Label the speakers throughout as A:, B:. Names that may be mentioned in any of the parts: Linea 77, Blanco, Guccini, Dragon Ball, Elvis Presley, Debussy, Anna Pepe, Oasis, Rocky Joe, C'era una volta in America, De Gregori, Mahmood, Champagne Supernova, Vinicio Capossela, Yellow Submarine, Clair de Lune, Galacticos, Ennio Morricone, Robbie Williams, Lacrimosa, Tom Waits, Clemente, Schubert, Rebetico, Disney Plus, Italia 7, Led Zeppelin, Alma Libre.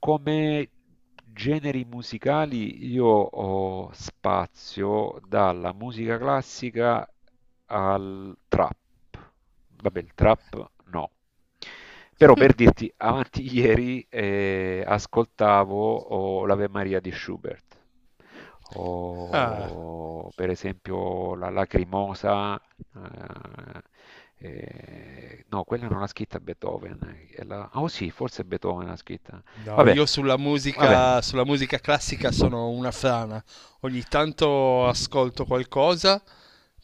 A: Come generi musicali io ho spazio dalla musica classica al trap. Vabbè, il trap no. Però per dirti, avanti ieri ascoltavo l'Ave Maria di Schubert
B: Ah,
A: o per esempio la Lacrimosa. eh, no, quella non l'ha scritta Beethoven, oh sì, forse Beethoven l'ha scritta,
B: no,
A: vabbè,
B: io
A: vabbè.
B: sulla musica classica sono una frana. Ogni tanto ascolto qualcosa,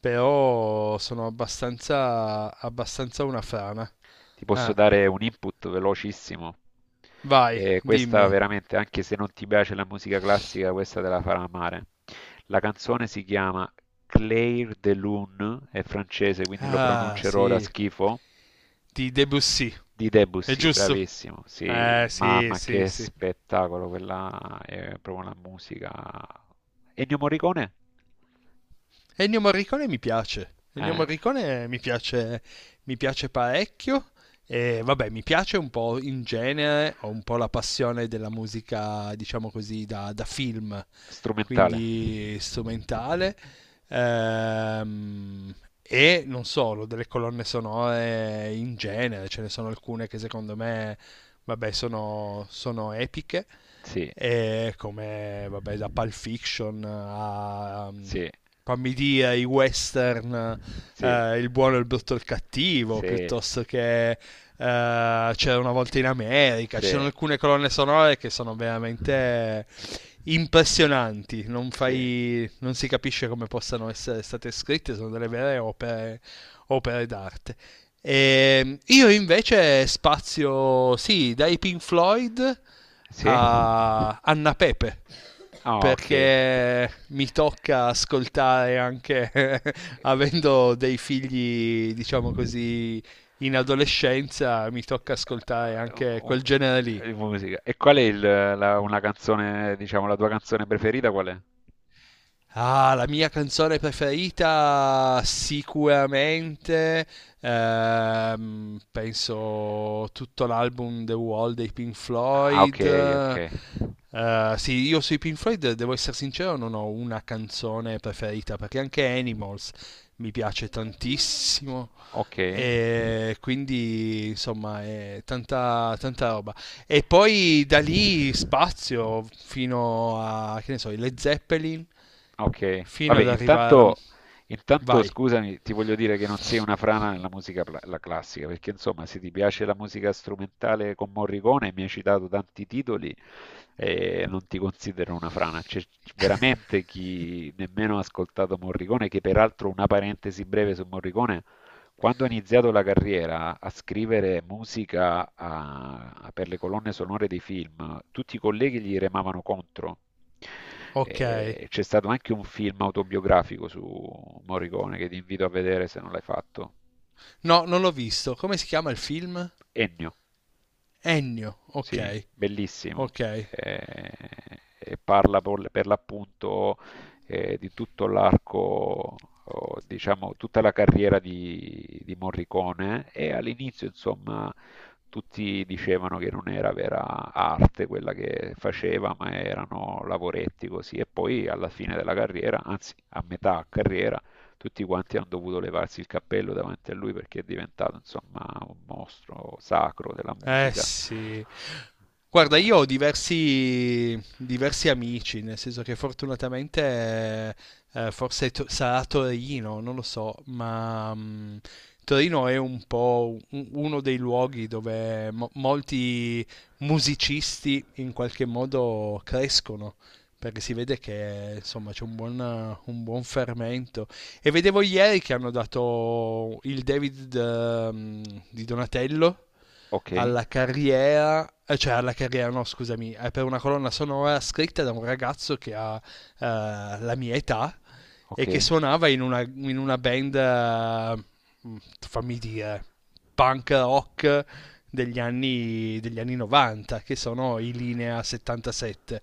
B: però sono abbastanza una frana.
A: Ti posso
B: Ah,
A: dare un input velocissimo.
B: vai,
A: E questa
B: dimmi.
A: veramente, anche se non ti piace la musica classica, questa te la farà amare. La canzone si chiama Clair de Lune, è francese, quindi lo
B: Ah,
A: pronuncerò da
B: sì,
A: schifo.
B: di Debussy.
A: Di
B: È
A: Debussy,
B: giusto?
A: bravissimo, sì,
B: Sì,
A: mamma
B: sì,
A: che
B: sì.
A: spettacolo, quella è proprio la musica. Ennio Morricone?
B: Ennio Morricone mi piace. Ennio
A: Eh,
B: Morricone mi piace parecchio. E vabbè, mi piace un po' in genere, ho un po' la passione della musica, diciamo così, da film,
A: Strumentale,
B: quindi strumentale. Ehm, e non solo, delle colonne sonore in genere, ce ne sono alcune che secondo me vabbè, sono epiche.
A: sì,
B: E come vabbè, da Pulp Fiction a
A: sì,
B: fammi dire i western,
A: sì,
B: il buono, il brutto e il cattivo,
A: sì,
B: piuttosto che C'era una volta in America. Ci
A: sì.
B: sono alcune colonne sonore che sono veramente impressionanti, non,
A: Sì.
B: fai, non si capisce come possano essere state scritte, sono delle vere opere, opere d'arte. E io invece spazio, sì, dai Pink Floyd
A: Sì?
B: a Anna Pepe,
A: Ah, ok.
B: perché mi tocca ascoltare anche
A: Eh,
B: avendo dei figli, diciamo così, in adolescenza, mi tocca ascoltare anche
A: oh,
B: quel genere lì.
A: Musica. E qual è una canzone, diciamo, la tua canzone preferita qual è?
B: Ah, la mia canzone preferita sicuramente, penso tutto l'album The Wall dei Pink
A: Ah, ok, ok.
B: Floyd. Sì, io sui Pink Floyd, devo essere sincero, non ho una canzone preferita perché anche Animals mi piace tantissimo.
A: Ok.
B: E quindi insomma è tanta roba, e poi da
A: Beh.
B: lì spazio fino a che ne so, i Led Zeppelin
A: Okay.
B: fino
A: Vabbè,
B: ad arrivare a...
A: intanto
B: Vai,
A: scusami, ti voglio dire che non sei una frana nella la classica, perché insomma, se ti piace la musica strumentale con Morricone, mi hai citato tanti titoli, non ti considero una frana. C'è veramente chi nemmeno ha ascoltato Morricone, che peraltro una parentesi breve su Morricone, quando ha iniziato la carriera a scrivere per le colonne sonore dei film, tutti i colleghi gli remavano contro.
B: ok.
A: C'è stato anche un film autobiografico su Morricone che ti invito a vedere se non l'hai fatto.
B: No, non l'ho visto. Come si chiama il film?
A: Ennio.
B: Ennio,
A: Sì,
B: ok,
A: bellissimo.
B: ok.
A: Eh, e parla per l'appunto di tutto l'arco, o, diciamo, tutta la carriera di Morricone e all'inizio, insomma, tutti dicevano che non era vera arte quella che faceva, ma erano lavoretti così. E poi alla fine della carriera, anzi a metà carriera, tutti quanti hanno dovuto levarsi il cappello davanti a lui perché è diventato, insomma, un mostro sacro della
B: Eh
A: musica.
B: sì, guarda,
A: Eh,
B: io ho diversi amici, nel senso che fortunatamente forse sarà Torino, non lo so, ma mm, Torino è un po' uno dei luoghi dove molti musicisti in qualche modo crescono, perché si vede che insomma c'è un buon fermento. E vedevo ieri che hanno dato il David di Donatello
A: ok,
B: alla carriera, cioè alla carriera, no, scusami, è per una colonna sonora scritta da un ragazzo che ha la mia età,
A: ok,
B: e che suonava in una band, fammi dire, punk rock degli anni 90, che sono i Linea 77,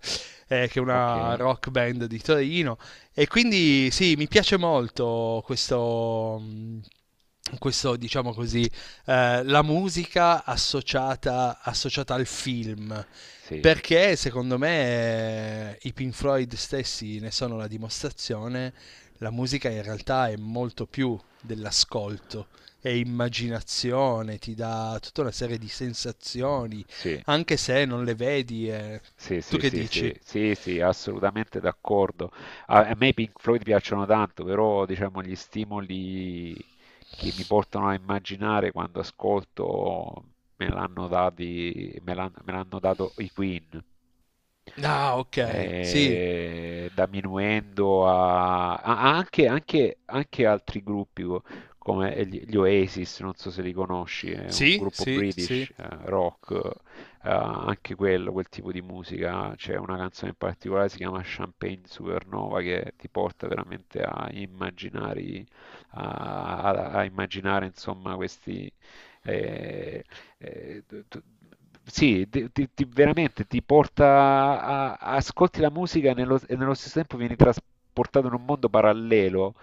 B: che è una
A: ok,
B: rock band di Torino. E quindi sì, mi piace molto questo. Questo diciamo così, la musica associata al film,
A: sì,
B: perché secondo me i Pink Floyd stessi ne sono la dimostrazione, la musica in realtà è molto più dell'ascolto, è immaginazione, ti dà tutta una serie di sensazioni,
A: sì,
B: anche se non le vedi. Eh.
A: sì,
B: Tu
A: sì,
B: che
A: sì,
B: dici?
A: sì, sì, sì, assolutamente d'accordo. A me i Pink Floyd piacciono tanto, però diciamo gli stimoli che mi portano a immaginare quando ascolto me l'hanno dati, me l'han- me l'hanno dato i Queen.
B: Ah, ok, sì,
A: Eh, da Minuendo anche, anche altri come gli Oasis, non so se li conosci, è un
B: sì,
A: gruppo
B: sì, sì,
A: British rock, anche quello, quel tipo di musica. C'è una canzone in particolare, si chiama Champagne Supernova, che ti porta veramente a immaginare, a immaginare insomma questi eh, eh, t- t- sì, veramente ti porta ascolti la musica e e nello stesso tempo vieni trasportato in un mondo parallelo.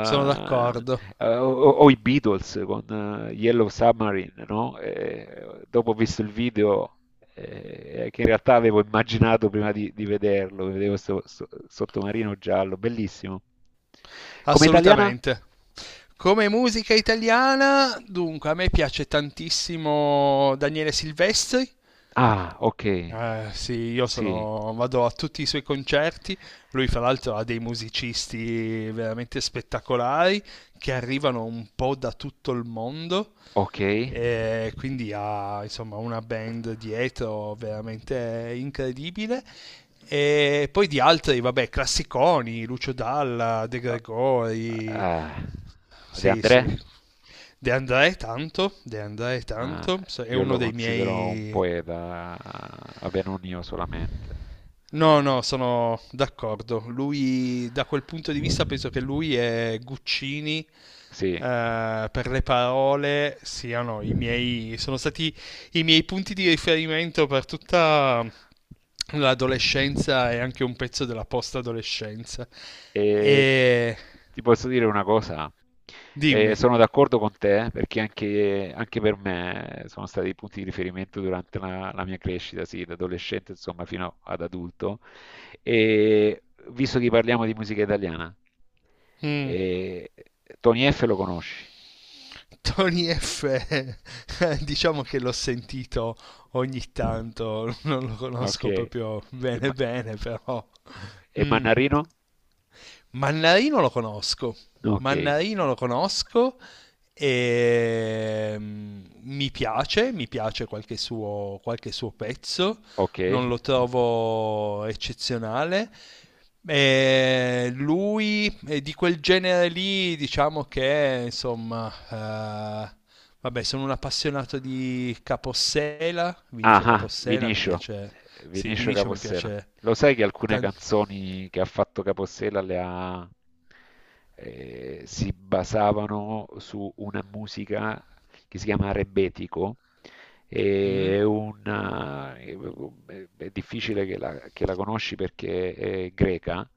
B: sono d'accordo,
A: o, o i Beatles con Yellow Submarine, no? Dopo ho visto il video che in realtà avevo immaginato prima di vederlo, vedevo questo sottomarino giallo, bellissimo. Come italiana?
B: assolutamente. Come musica italiana, dunque, a me piace tantissimo Daniele Silvestri.
A: Ah, ok.
B: Sì, io
A: Sì,
B: sono, vado a tutti i suoi concerti. Lui, fra l'altro, ha dei musicisti veramente spettacolari che arrivano un po' da tutto il mondo.
A: ok.
B: E quindi ha, insomma, una band dietro veramente incredibile. E poi di altri, vabbè, classiconi, Lucio Dalla, De Gregori.
A: Eh, De
B: Sì,
A: André,
B: sì. De André
A: eh,
B: tanto, è
A: io lo
B: uno dei
A: considero un
B: miei.
A: poeta, vabbè, non io solamente.
B: No,
A: Eh,
B: no, sono d'accordo. Lui, da quel punto di vista, penso che lui e Guccini,
A: sì.
B: per le parole, siano i miei, sono stati i miei punti di riferimento per tutta l'adolescenza e anche un pezzo della post-adolescenza.
A: E
B: E
A: ti posso dire una cosa,
B: dimmi.
A: sono d'accordo con te perché anche, anche per me sono stati i punti di riferimento durante la mia crescita, sì, da adolescente insomma fino ad adulto. E visto che parliamo di musica italiana,
B: Mm.
A: eh, Tony F lo conosci?
B: Tony F, diciamo che l'ho sentito ogni tanto, non lo
A: Ok.
B: conosco proprio bene
A: Ma-
B: bene, però...
A: e
B: Mm.
A: Mannarino?
B: Mannarino lo conosco,
A: No, ok,
B: Mannarino lo conosco e mm, mi piace qualche suo pezzo,
A: ok.
B: non lo trovo eccezionale. E lui è di quel genere lì, diciamo che insomma, vabbè, sono un appassionato di Capossela, Vinicio Capossela, mi
A: Vinicio,
B: piace, sì,
A: Vinicio
B: Vinicio mi
A: Capossela.
B: piace
A: Lo sai che alcune
B: tan-
A: canzoni che ha fatto Capossela le ha, si basavano su una musica che si chiama Rebetico,
B: mm,
A: è, una- è- è difficile che che la conosci perché è greca,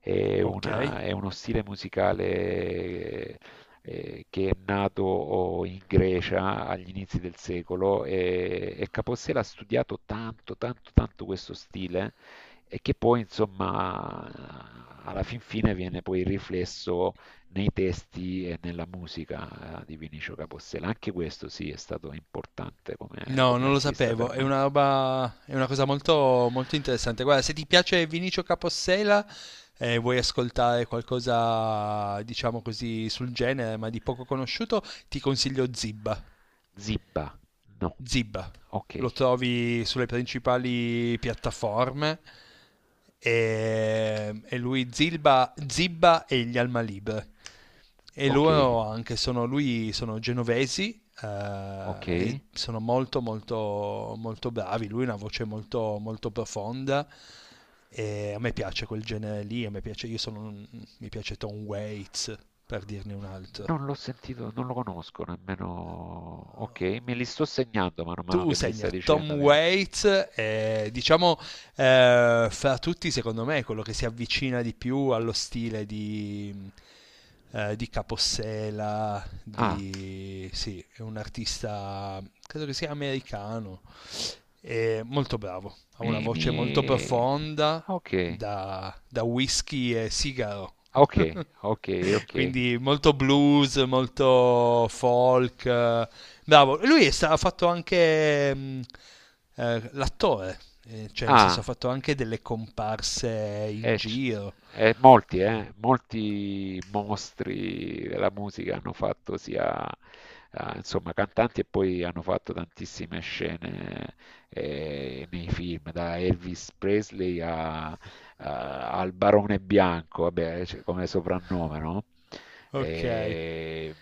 B: ok.
A: è uno stile musicale che è nato in Grecia agli inizi del secolo e Capossela ha studiato tanto, tanto, tanto questo stile e che poi, insomma, alla fin fine viene poi riflesso nei testi e nella musica di Vinicio Capostela. Anche questo sì è stato importante come,
B: No,
A: come
B: non lo
A: artista
B: sapevo,
A: per
B: è
A: me.
B: una roba, è una cosa molto, molto interessante. Guarda, se ti piace Vinicio Capossela e vuoi ascoltare qualcosa, diciamo così, sul genere, ma di poco conosciuto, ti consiglio Zibba.
A: Zibba, no,
B: Zib.
A: ok,
B: Lo trovi sulle principali piattaforme e lui Zilba, Zibba e gli Alma Libre. E
A: ok,
B: loro anche sono, lui, sono genovesi
A: ok.
B: e sono molto molto molto bravi. Lui ha una voce molto molto profonda e a me piace quel genere lì, a me piace, io sono, mi piace Tom Waits per dirne un altro.
A: Non l'ho sentito, non lo conosco nemmeno. Ok, me li sto segnando man mano
B: Tu
A: che me li stai
B: segna Tom
A: dicendo. Che...
B: Waits, diciamo fra tutti secondo me è quello che si avvicina di più allo stile di Capossela,
A: Ah,
B: di... sì, è un artista, credo che sia americano, è molto bravo, ha una
A: mi...
B: voce molto profonda
A: Ok,
B: da whisky e sigaro.
A: ok, ok, ok.
B: Quindi molto blues, molto folk. Eh, bravo. E lui è ha fatto anche mm, l'attore, cioè nel senso ha
A: Ah,
B: fatto anche delle comparse in
A: E c-
B: giro.
A: e molti, molti mostri della musica hanno fatto sia, insomma, cantanti e poi hanno fatto tantissime scene nei film, da Elvis Presley a- a- al Barone Bianco, vabbè, cioè, come soprannome, no?
B: Ok,
A: E-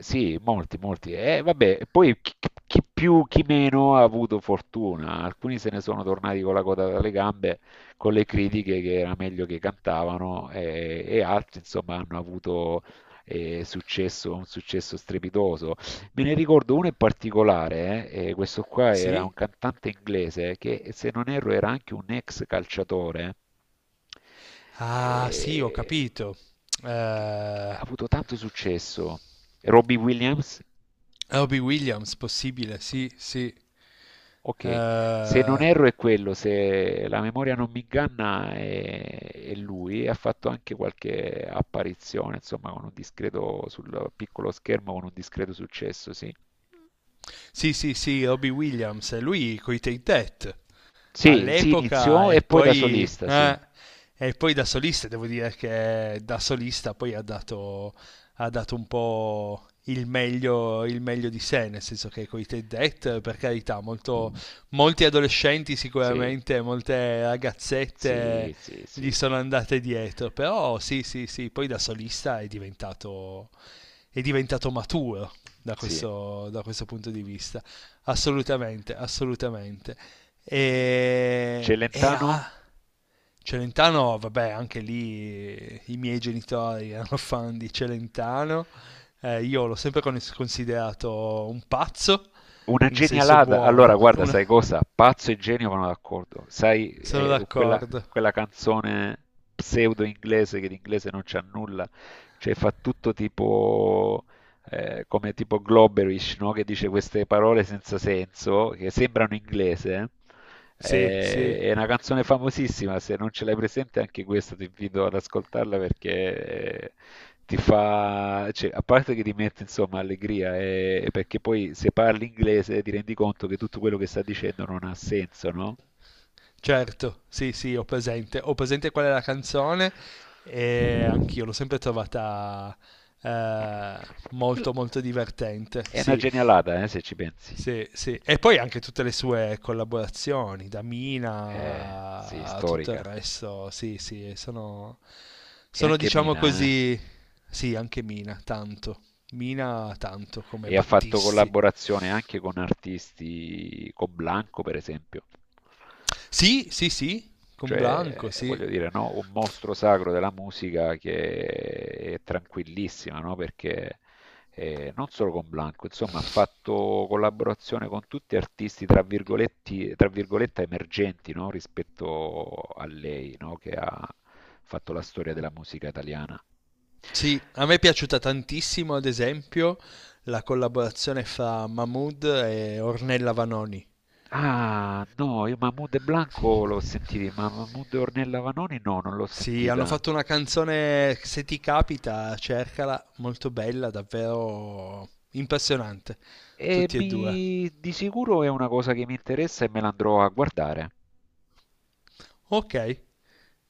A: sì, molti, molti. E vabbè, poi chi, chi più, chi meno ha avuto fortuna. Alcuni se ne sono tornati con la coda dalle gambe con le critiche che era meglio che cantavano e altri, insomma, hanno avuto successo, un successo strepitoso. Me ne ricordo uno in particolare, questo qua era un
B: sì?
A: cantante inglese che, se non erro, era anche un ex calciatore.
B: Ah, sì, ho
A: Eh,
B: capito.
A: che che ha
B: Eh,
A: avuto tanto successo. Robbie Williams?
B: Robbie Williams, possibile, sì, sì.
A: Ok, se non
B: Eh,
A: erro è quello, se la memoria non mi inganna è lui, e ha fatto anche qualche apparizione, insomma, con un discreto sul piccolo schermo, con un discreto successo, sì.
B: sì, sì, sì, Robbie Williams, lui coi Take That
A: Sì, si
B: all'epoca
A: iniziò e poi da solista, sì.
B: e poi da solista, devo dire che da solista poi ha dato un po' il meglio di sé, nel senso che con i Ted Dead, per carità, molto, molti adolescenti
A: Sì,
B: sicuramente, molte ragazzette
A: sì, sì, sì.
B: gli sono andate dietro, però sì, sì, sì, poi da solista è diventato maturo
A: Sì.
B: da questo punto di vista, assolutamente, assolutamente. E, e
A: Celentano?
B: a Celentano, vabbè, anche lì i miei genitori erano fan di Celentano. Io l'ho sempre considerato un pazzo,
A: Una
B: in senso
A: genialata. Allora,
B: buono.
A: guarda,
B: Una-
A: sai cosa? Pazzo e genio vanno d'accordo. Sai,
B: Sono d'accordo.
A: quella canzone pseudo inglese che l'inglese non c'ha nulla, cioè fa tutto tipo come tipo Globerish, no? Che dice queste parole senza senso che sembrano inglese. Eh.
B: Sì,
A: È
B: sì,
A: è una canzone famosissima, se non ce l'hai presente anche questa ti invito ad ascoltarla perché ti fa, cioè, a parte che ti mette insomma allegria, e perché poi se parli inglese ti rendi conto che tutto quello che sta dicendo non ha senso, no?
B: certo. Sì, sì, ho presente. Ho presente qual è la canzone e anch'io l'ho sempre trovata eh, molto,
A: Quella-
B: molto divertente.
A: È una
B: Sì.
A: genialata, se ci pensi.
B: Sì, sì. E poi anche tutte le sue collaborazioni, da
A: Eh, sì,
B: Mina a tutto il
A: storica.
B: resto, sì, sì, sono,
A: E
B: sono
A: anche
B: diciamo
A: Mina, eh.
B: così, sì, anche Mina, tanto. Mina tanto come
A: E ha fatto
B: Battisti.
A: collaborazione anche con artisti, con Blanco per esempio.
B: Sì, sì, sì, con Blanco,
A: Cioè,
B: sì.
A: voglio dire, no? Un mostro sacro della musica che è tranquillissima, no? Perché non solo con Blanco, insomma, ha fatto collaborazione con tutti artisti, tra virgoletti, tra virgolette, emergenti, no? Rispetto a lei, no? Che ha fatto la storia della musica italiana.
B: Sì, a me è piaciuta tantissimo, ad esempio, la collaborazione fra Mahmood e Ornella Vanoni.
A: Ah, no, io Mahmood e Blanco l'ho sentito, ma Mahmood e Ornella Vanoni no, non l'ho
B: Sì, hanno
A: sentita.
B: fatto una canzone, se ti capita, cercala, molto bella, davvero impressionante,
A: E
B: tutti e due.
A: mi, di sicuro è una cosa che mi interessa e me la andrò a guardare.
B: Ok,